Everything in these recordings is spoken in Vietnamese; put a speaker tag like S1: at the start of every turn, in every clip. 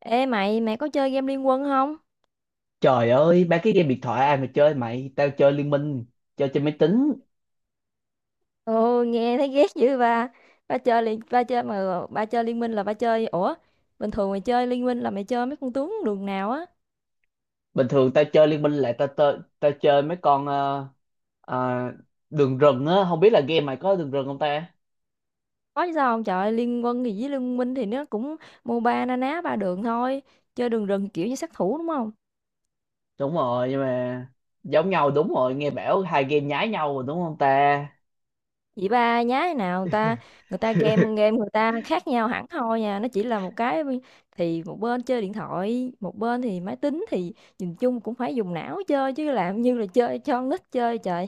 S1: Ê mày có chơi game Liên Quân không?
S2: Trời ơi, ba cái game điện thoại ai mà chơi mày, tao chơi Liên Minh, chơi trên máy tính.
S1: Ồ, nghe thấy ghét dữ ba. Ba chơi liên ba chơi mà ba chơi Liên Minh là ba chơi. Ủa, bình thường mày chơi Liên Minh là mày chơi mấy con tướng đường nào á?
S2: Bình thường tao chơi Liên Minh là tao chơi mấy con ờ, đường rừng á, không biết là game mày có đường rừng không ta?
S1: Có chứ sao không? Trời ơi, Liên Quân thì với Liên Minh thì nó cũng MOBA na ná ba đường thôi. Chơi đường rừng kiểu như sát thủ đúng không?
S2: Đúng rồi, nhưng mà giống nhau đúng rồi, nghe bảo hai game nhái nhau rồi đúng không ta?
S1: Vậy ba nhái nào người ta game game người ta khác nhau hẳn thôi nha, nó chỉ là một cái thì một bên chơi điện thoại, một bên thì máy tính thì nhìn chung cũng phải dùng não chơi chứ làm như là chơi cho con nít chơi trời.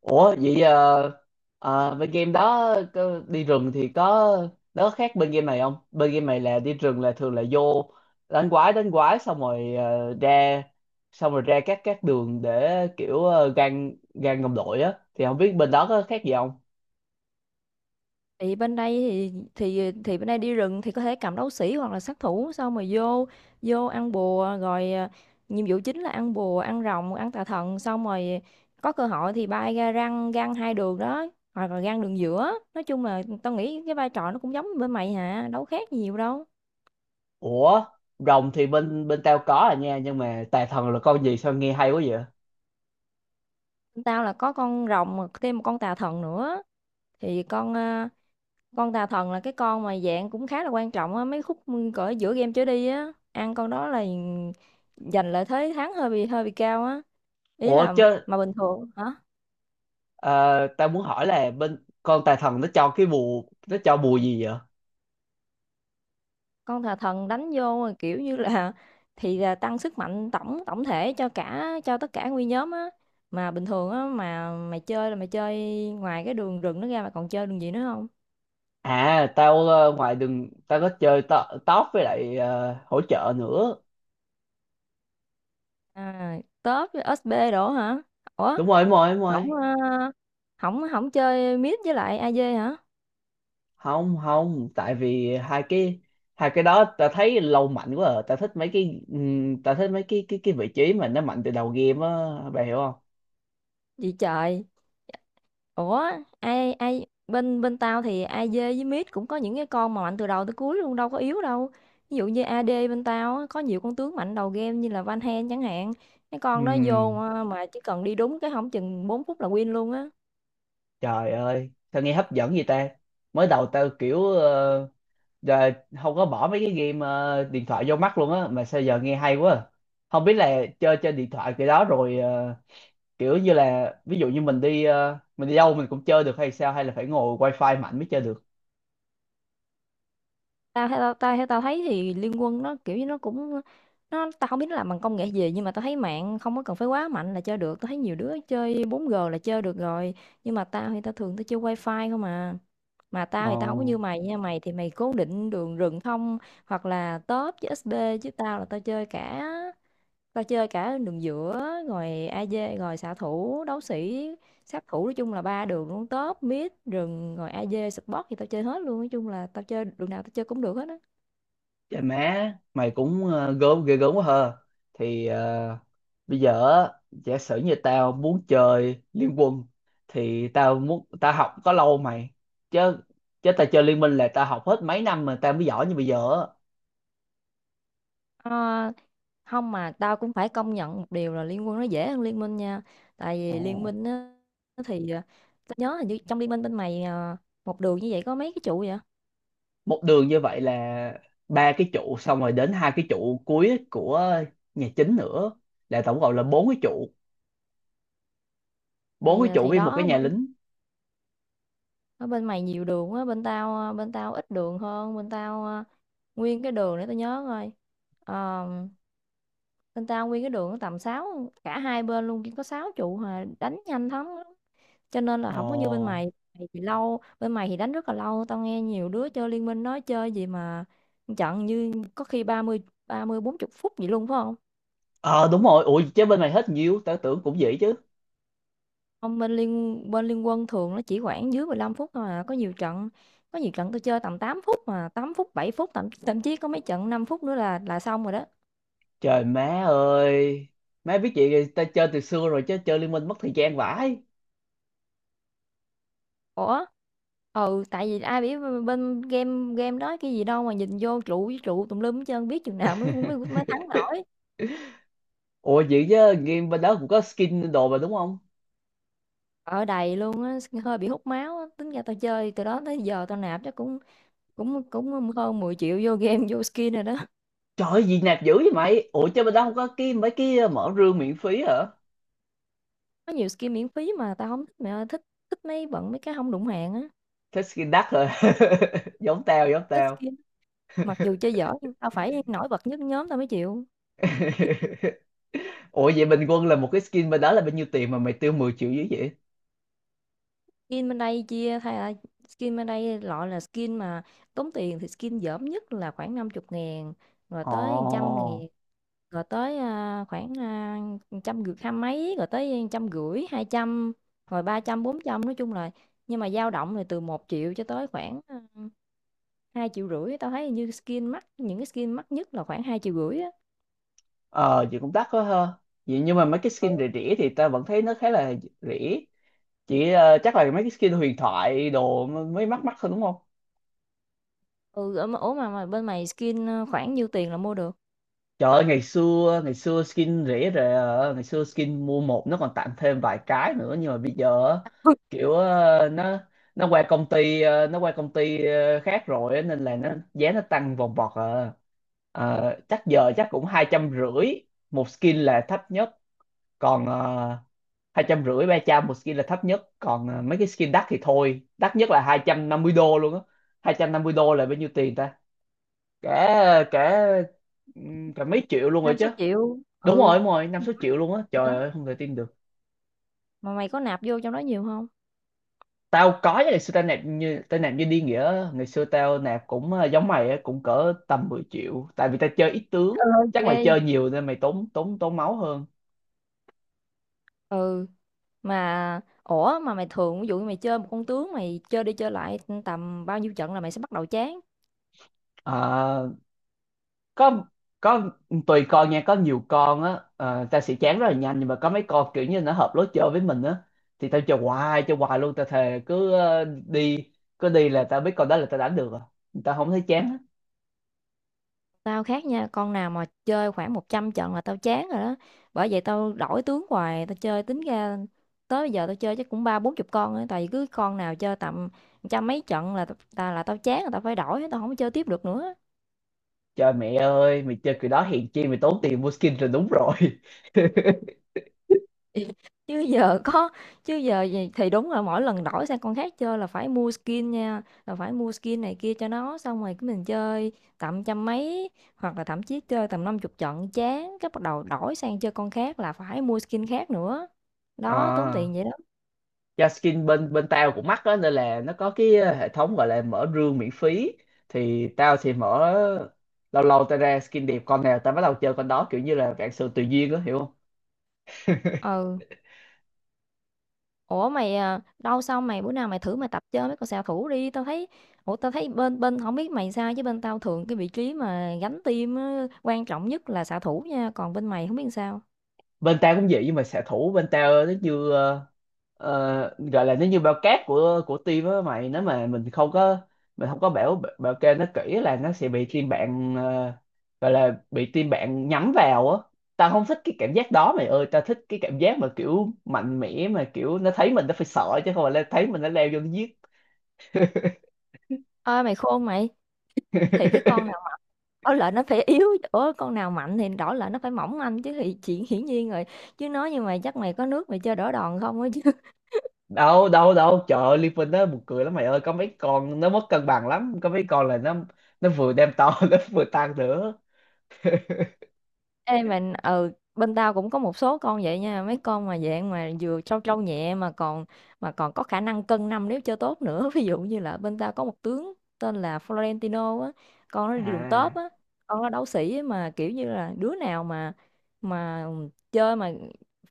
S2: Ủa vậy bên game đó có- đi rừng thì có nó có khác bên game này không? Bên game này là đi rừng là thường là vô đánh quái xong rồi ra xong rồi ra các đường để kiểu gan gan đồng đội á, thì không biết bên đó có khác gì không?
S1: Thì bên đây đi rừng thì có thể cầm đấu sĩ hoặc là sát thủ, xong mà vô vô ăn bùa rồi à, nhiệm vụ chính là ăn bùa ăn rồng ăn tà thần xong rồi có cơ hội thì bay ra răng gan hai đường đó hoặc là gan đường giữa, nói chung là tao nghĩ cái vai trò nó cũng giống như bên mày hả, đâu khác gì nhiều đâu.
S2: Ủa, rồng thì bên bên tao có à nha, nhưng mà tà thần là con gì sao nghe hay quá vậy?
S1: Bên tao là có con rồng mà thêm một con tà thần nữa thì con tà thần là cái con mà dạng cũng khá là quan trọng á, mấy khúc cỡ giữa game trở đi á, ăn con đó là giành lợi thế thắng hơi bị cao á, ý
S2: Ủa
S1: là
S2: chứ
S1: mà bình thường hả,
S2: ờ, tao muốn hỏi là bên con tà thần nó cho cái bùa, nó cho bùa gì vậy?
S1: con tà thần đánh vô mà kiểu như là thì là tăng sức mạnh tổng tổng thể cho tất cả nguyên nhóm á. Mà bình thường á mà mày chơi là mày chơi ngoài cái đường rừng nó ra mà còn chơi đường gì nữa không?
S2: À tao ngoài đường tao có chơi to, top với lại hỗ trợ nữa.
S1: À, tớp với SB đổ hả? Ủa,
S2: Đúng rồi, đúng rồi, đúng
S1: không
S2: rồi.
S1: ờ, không không chơi mid với lại AD hả?
S2: Không, không, tại vì hai cái đó tao thấy lâu mạnh quá à. Tao thích mấy cái tao thích mấy cái cái vị trí mà nó mạnh từ đầu game á, bà hiểu không?
S1: Gì trời, ủa ai ai bên bên tao thì AD với mid cũng có những cái con mà mạnh từ đầu tới cuối luôn, đâu có yếu đâu. Ví dụ như AD bên tao á, có nhiều con tướng mạnh đầu game như là Van Hen chẳng hạn. Cái con đó vô
S2: Ừm,
S1: mà chỉ cần đi đúng cái, không chừng 4 phút là win luôn á.
S2: trời ơi, sao nghe hấp dẫn vậy ta? Mới đầu tao kiểu giờ không có bỏ mấy cái game điện thoại vô mắt luôn á, mà sao giờ nghe hay quá. À. Không biết là chơi trên điện thoại cái đó rồi kiểu như là ví dụ như mình đi mình đi đâu mình cũng chơi được hay sao, hay là phải ngồi wifi mạnh mới chơi được.
S1: Tao theo tao thấy thì Liên Quân nó kiểu như nó cũng tao không biết nó làm bằng công nghệ gì nhưng mà tao thấy mạng không có cần phải quá mạnh là chơi được, tao thấy nhiều đứa chơi 4G là chơi được rồi. Nhưng mà tao thì tao thường tao chơi wifi không à. Mà tao
S2: Ồ.
S1: thì tao không có như mày nha, mày thì mày cố định đường rừng thông hoặc là top với SD, chứ tao là tao chơi cả, đường giữa rồi AD rồi xạ thủ đấu sĩ sát thủ, nói chung là ba đường luôn top mid rừng rồi AD support thì tao chơi hết luôn, nói chung là tao chơi đường nào tao chơi cũng được hết á.
S2: Trời má mày cũng gớm, ghê gớm quá hờ, thì bây giờ á, giả sử như tao muốn chơi Liên Quân thì tao muốn tao học có lâu mày, chứ chứ tao chơi Liên Minh là tao học hết mấy năm mà tao mới giỏi như bây giờ á.
S1: Ờ, không mà tao cũng phải công nhận một điều là Liên Quân nó dễ hơn Liên Minh nha. Tại vì Liên
S2: Ồ.
S1: Minh á thì tao nhớ hình như trong Liên Minh bên mày một đường như vậy có mấy cái trụ vậy?
S2: Một đường như vậy là ba cái trụ, xong rồi đến hai cái trụ cuối của nhà chính nữa, là tổng cộng là bốn cái trụ, bốn
S1: thì
S2: cái trụ
S1: thì
S2: với một cái
S1: đó,
S2: nhà lính.
S1: ở bên mày nhiều đường á, bên tao bên tao ít đường hơn. Bên tao à, nguyên cái đường để tao nhớ coi. Ờ, bên tao nguyên cái đường nó tầm sáu, cả hai bên luôn chỉ có 6 trụ hà, đánh nhanh thắng lắm. Cho nên là không có như bên
S2: Ồ.
S1: mày. Mày thì lâu, bên mày thì đánh rất là lâu, tao nghe nhiều đứa chơi Liên Minh nói chơi gì mà trận như có khi ba ba mươi bốn 40 phút gì luôn phải không?
S2: Ờ, đúng rồi, ủa chứ bên mày hết nhiều, tao tưởng cũng vậy chứ.
S1: Không, bên liên quân thường nó chỉ khoảng dưới 15 phút thôi à. Có nhiều trận tôi chơi tầm 8 phút mà, 8 phút 7 phút, thậm thậm chí có mấy trận 5 phút nữa là xong rồi đó.
S2: Trời má ơi, má biết vậy thì tao chơi từ xưa rồi, chứ chơi Liên Minh mất thời gian vãi.
S1: Ủa? Ừ, tại vì ai biết bên game game đó cái gì đâu mà nhìn vô trụ với trụ tùm lum hết trơn, biết chừng nào mới mới mới thắng nổi.
S2: Ủa vậy chứ game bên đó cũng có skin đồ mà đúng không?
S1: Ở đầy luôn á, hơi bị hút máu á. Tính ra tao chơi từ đó tới giờ tao nạp chắc cũng cũng cũng hơn 10 triệu vô game vô skin rồi đó.
S2: Trời ơi, gì nạp dữ vậy mày, ủa chứ bên đó không có cái mấy cái mở rương miễn phí hả?
S1: Có nhiều skin miễn phí mà tao không thích, mẹ ơi, thích thích mấy cái không đụng hàng á.
S2: Thích skin đắt rồi. Giống tao, giống
S1: Thích
S2: tao.
S1: skin mặc dù chơi dở nhưng tao phải nổi bật nhất nhóm tao mới chịu.
S2: Ủa vậy bình quân là một cái skin bên đó là bao nhiêu tiền mà mày tiêu 10 triệu dưới vậy?
S1: skin bên đây chia thay là Skin bên đây loại là skin mà tốn tiền thì skin dởm nhất là khoảng 50 ngàn, rồi
S2: Ồ.
S1: tới trăm ngàn, rồi tới khoảng trăm rưỡi hai mấy, rồi tới trăm rưỡi hai trăm, rồi ba trăm bốn trăm, nói chung là nhưng mà dao động là từ một triệu cho tới khoảng 2,5 triệu. Tao thấy như skin mắc, những cái skin mắc nhất là khoảng 2,5 triệu á.
S2: Ờ, chị cũng đắt quá ha, vậy nhưng mà mấy cái skin rẻ rẻ thì ta vẫn thấy nó khá là rẻ, chỉ chắc là mấy cái skin huyền thoại đồ mới mắc mắc thôi đúng không?
S1: Ừ, mà bên mày skin khoảng nhiêu tiền là mua được?
S2: Trời ơi, ngày xưa skin rẻ rề, ngày xưa skin mua một nó còn tặng thêm vài cái nữa, nhưng mà bây giờ á, kiểu nó qua công ty nó qua công ty khác rồi á, nên là nó giá nó tăng vòng vọt à. Ờ, chắc giờ chắc cũng 250 nghìn một skin là thấp nhất, còn 250 nghìn 300 nghìn một skin là thấp nhất, còn à, mấy cái skin đắt thì thôi, đắt nhất là 250 đô luôn á. 250 đô là bao nhiêu tiền ta, cả cả cả mấy triệu luôn rồi
S1: Năm
S2: chứ.
S1: sáu triệu.
S2: Đúng
S1: Ừ,
S2: rồi, đúng rồi, 5 6 triệu luôn á, trời
S1: đó.
S2: ơi không thể tin được.
S1: Mà mày có nạp vô trong đó nhiều không?
S2: Tao có chứ, ngày xưa tao nạp, như tao nạp như đi nghĩa á. Ngày xưa tao nạp cũng à, giống mày á, cũng cỡ tầm 10 triệu, tại vì tao chơi ít tướng,
S1: Ừ,
S2: chắc mày
S1: ghê.
S2: chơi nhiều nên mày tốn tốn tốn máu hơn.
S1: Ừ, mà ủa mà mày thường ví dụ như mày chơi một con tướng mày chơi đi chơi lại tầm bao nhiêu trận là mày sẽ bắt đầu chán?
S2: À, có có tùy con nha, có nhiều con á ta sẽ chán rất là nhanh, nhưng mà có mấy con kiểu như nó hợp lối chơi với mình á thì tao chơi hoài luôn, tao thề cứ đi, cứ đi là tao biết con đó là tao đánh được à, tao không thấy chán á.
S1: Tao khác nha, con nào mà chơi khoảng 100 trận là tao chán rồi đó. Bởi vậy tao đổi tướng hoài, tao chơi tính ra tới bây giờ tao chơi chắc cũng ba bốn chục con á, tại vì cứ con nào chơi tầm trăm mấy trận là ta là tao chán, là tao phải đổi, tao không có chơi tiếp được nữa.
S2: Trời mẹ ơi, mày chơi kiểu đó hèn chi mày tốn tiền mua skin rồi, đúng rồi.
S1: Chứ giờ có chứ giờ gì- thì đúng là mỗi lần đổi sang con khác chơi là phải mua skin nha, là phải mua skin này kia cho nó, xong rồi cái mình chơi tầm trăm mấy hoặc là thậm chí chơi tầm năm chục trận chán, cái bắt đầu đổi sang chơi con khác là phải mua skin khác nữa, đó tốn
S2: À,
S1: tiền vậy đó.
S2: do skin bên bên tao cũng mắc á, nên là nó có cái hệ thống gọi là mở rương miễn phí thì tao sẽ mở, lâu lâu tao ra skin đẹp con nào tao bắt đầu chơi con đó, kiểu như là vạn sự tùy duyên á hiểu không?
S1: Ừ, ủa mày đâu xong mày bữa nào mày thử mày tập chơi mấy con xạ thủ đi, tao thấy, ủa tao thấy bên bên không biết mày sao chứ bên tao thường cái vị trí mà gánh team á, quan trọng nhất là xạ thủ nha, còn bên mày không biết sao.
S2: Bên tao cũng vậy, nhưng mà xạ thủ bên tao nó như gọi là nó như bao cát của team á mày, nếu mà mình không có bảo bảo kê nó kỹ là nó sẽ bị team bạn gọi là bị team bạn nhắm vào á. Tao không thích cái cảm giác đó mày ơi, tao thích cái cảm giác mà kiểu mạnh mẽ, mà kiểu nó thấy mình nó phải sợ, chứ không phải là thấy mình nó leo vô nó giết.
S1: Ơi mày khôn mày, thì cái con nào đỏ lợn nó phải yếu Ủa, con nào mạnh thì đỏ lợn nó phải mỏng manh chứ, thì chuyện hiển nhiên rồi chứ nói, nhưng mà chắc mày có nước mày chơi đỏ đòn không á chứ.
S2: đâu đâu đâu, trời ơi Liverpool nó buồn cười lắm mày ơi, có mấy con nó mất cân bằng lắm, có mấy con là nó vừa đem to nó vừa tăng nữa.
S1: Ê mình, ừ, bên tao cũng có một số con vậy nha, mấy con mà dạng mà vừa trâu trâu nhẹ mà còn có khả năng cân năm nếu chơi tốt nữa ví dụ như là bên tao có một tướng tên là Florentino á, con nó đi đường tớp
S2: À
S1: á, con nó đấu sĩ á, mà kiểu như là đứa nào mà chơi mà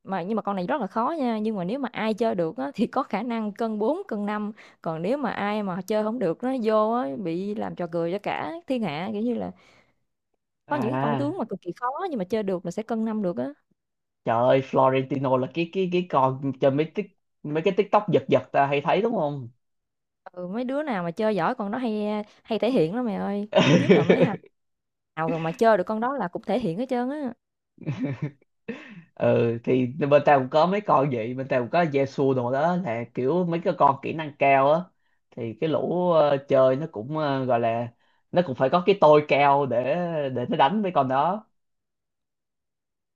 S1: mà nhưng mà con này rất là khó nha, nhưng mà nếu mà ai chơi được á thì có khả năng cân 4 cân năm. Còn nếu mà ai mà chơi không được nó vô á bị làm trò cười cho cả thiên hạ, kiểu như là có những cái con
S2: à,
S1: tướng mà cực kỳ khó nhưng mà chơi được là sẽ cân năm được á.
S2: trời ơi Florentino là cái con trên mấy tik, mấy cái TikTok giật giật ta hay thấy đúng không?
S1: Ừ, mấy đứa nào mà chơi giỏi con đó hay hay thể hiện lắm mày ơi, nhất là mấy thằng nào rồi mà chơi được con đó là cũng thể hiện hết trơn á.
S2: Ừ thì bên tao cũng có mấy con vậy, bên tao cũng có Yesu đồ đó, là kiểu mấy cái con kỹ năng cao á, thì cái lũ chơi nó cũng gọi là nó cũng phải có cái tôi cao để nó đánh với con đó.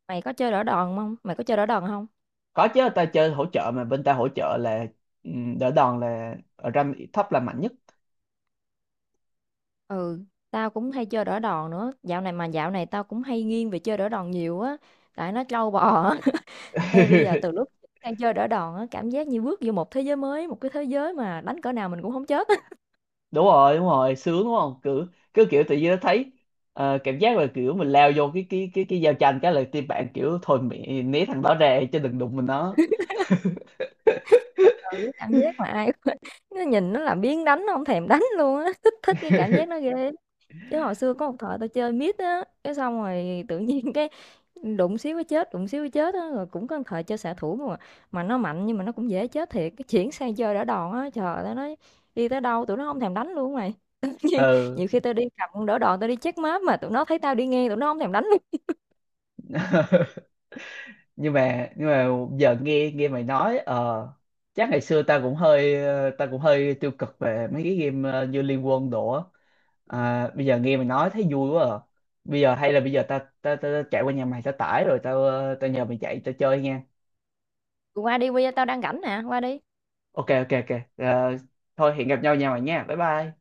S1: Mày có chơi đỡ đòn không, mày có chơi đỡ đòn không?
S2: Có chứ, tao chơi hỗ trợ mà, bên tao hỗ trợ là ừ, đỡ đòn là ở rank thấp là mạnh nhất.
S1: Ừ, tao cũng hay chơi đỡ đòn nữa dạo này, mà dạo này tao cũng hay nghiêng về chơi đỡ đòn nhiều á, tại nó trâu bò á Ê bây giờ từ lúc sang chơi đỡ đòn á cảm giác như bước vô một thế giới mới, một cái thế giới mà đánh cỡ nào mình cũng không chết.
S2: Đúng rồi, đúng rồi, sướng đúng không, cứ cứ kiểu tự nhiên nó thấy cảm giác là kiểu mình lao vô cái giao tranh cái là team bạn kiểu thôi mẹ né thằng đó ra chứ đừng đụng mình nó.
S1: Cái cảm giác mà ai cũng- nó nhìn nó là biếng đánh, nó không thèm đánh luôn á thích thích cái cảm giác nó ghê lắm. Chứ hồi xưa có một thời tao chơi mid á cái xong rồi tự nhiên cái đụng xíu cái chết đụng xíu cái chết á, rồi cũng có một thời chơi xạ thủ mà nó mạnh nhưng mà nó cũng dễ chết thiệt, cái chuyển sang chơi đỡ đòn á, trời tao nói đi tới đâu tụi nó không thèm đánh luôn mày nhiều,
S2: Ừ.
S1: nhiều khi tao đi cầm con đỡ đòn tao đi check map mà tụi nó thấy tao đi ngang tụi nó không thèm đánh luôn.
S2: Nhưng mà giờ nghe nghe mày nói ờ, chắc ngày xưa ta cũng hơi ta cũng hơi tiêu cực về mấy cái game như Liên Quân đồ á. À, bây giờ nghe mày nói thấy vui quá à. Bây giờ hay là bây giờ ta chạy qua nhà mày ta tải rồi, tao tao nhờ mày chạy tao chơi nha.
S1: Tụi qua đi, bây giờ tao đang rảnh nè, qua đi.
S2: Ok ok ok. Ờ, thôi hẹn gặp nhau nhà mày nha, bye bye.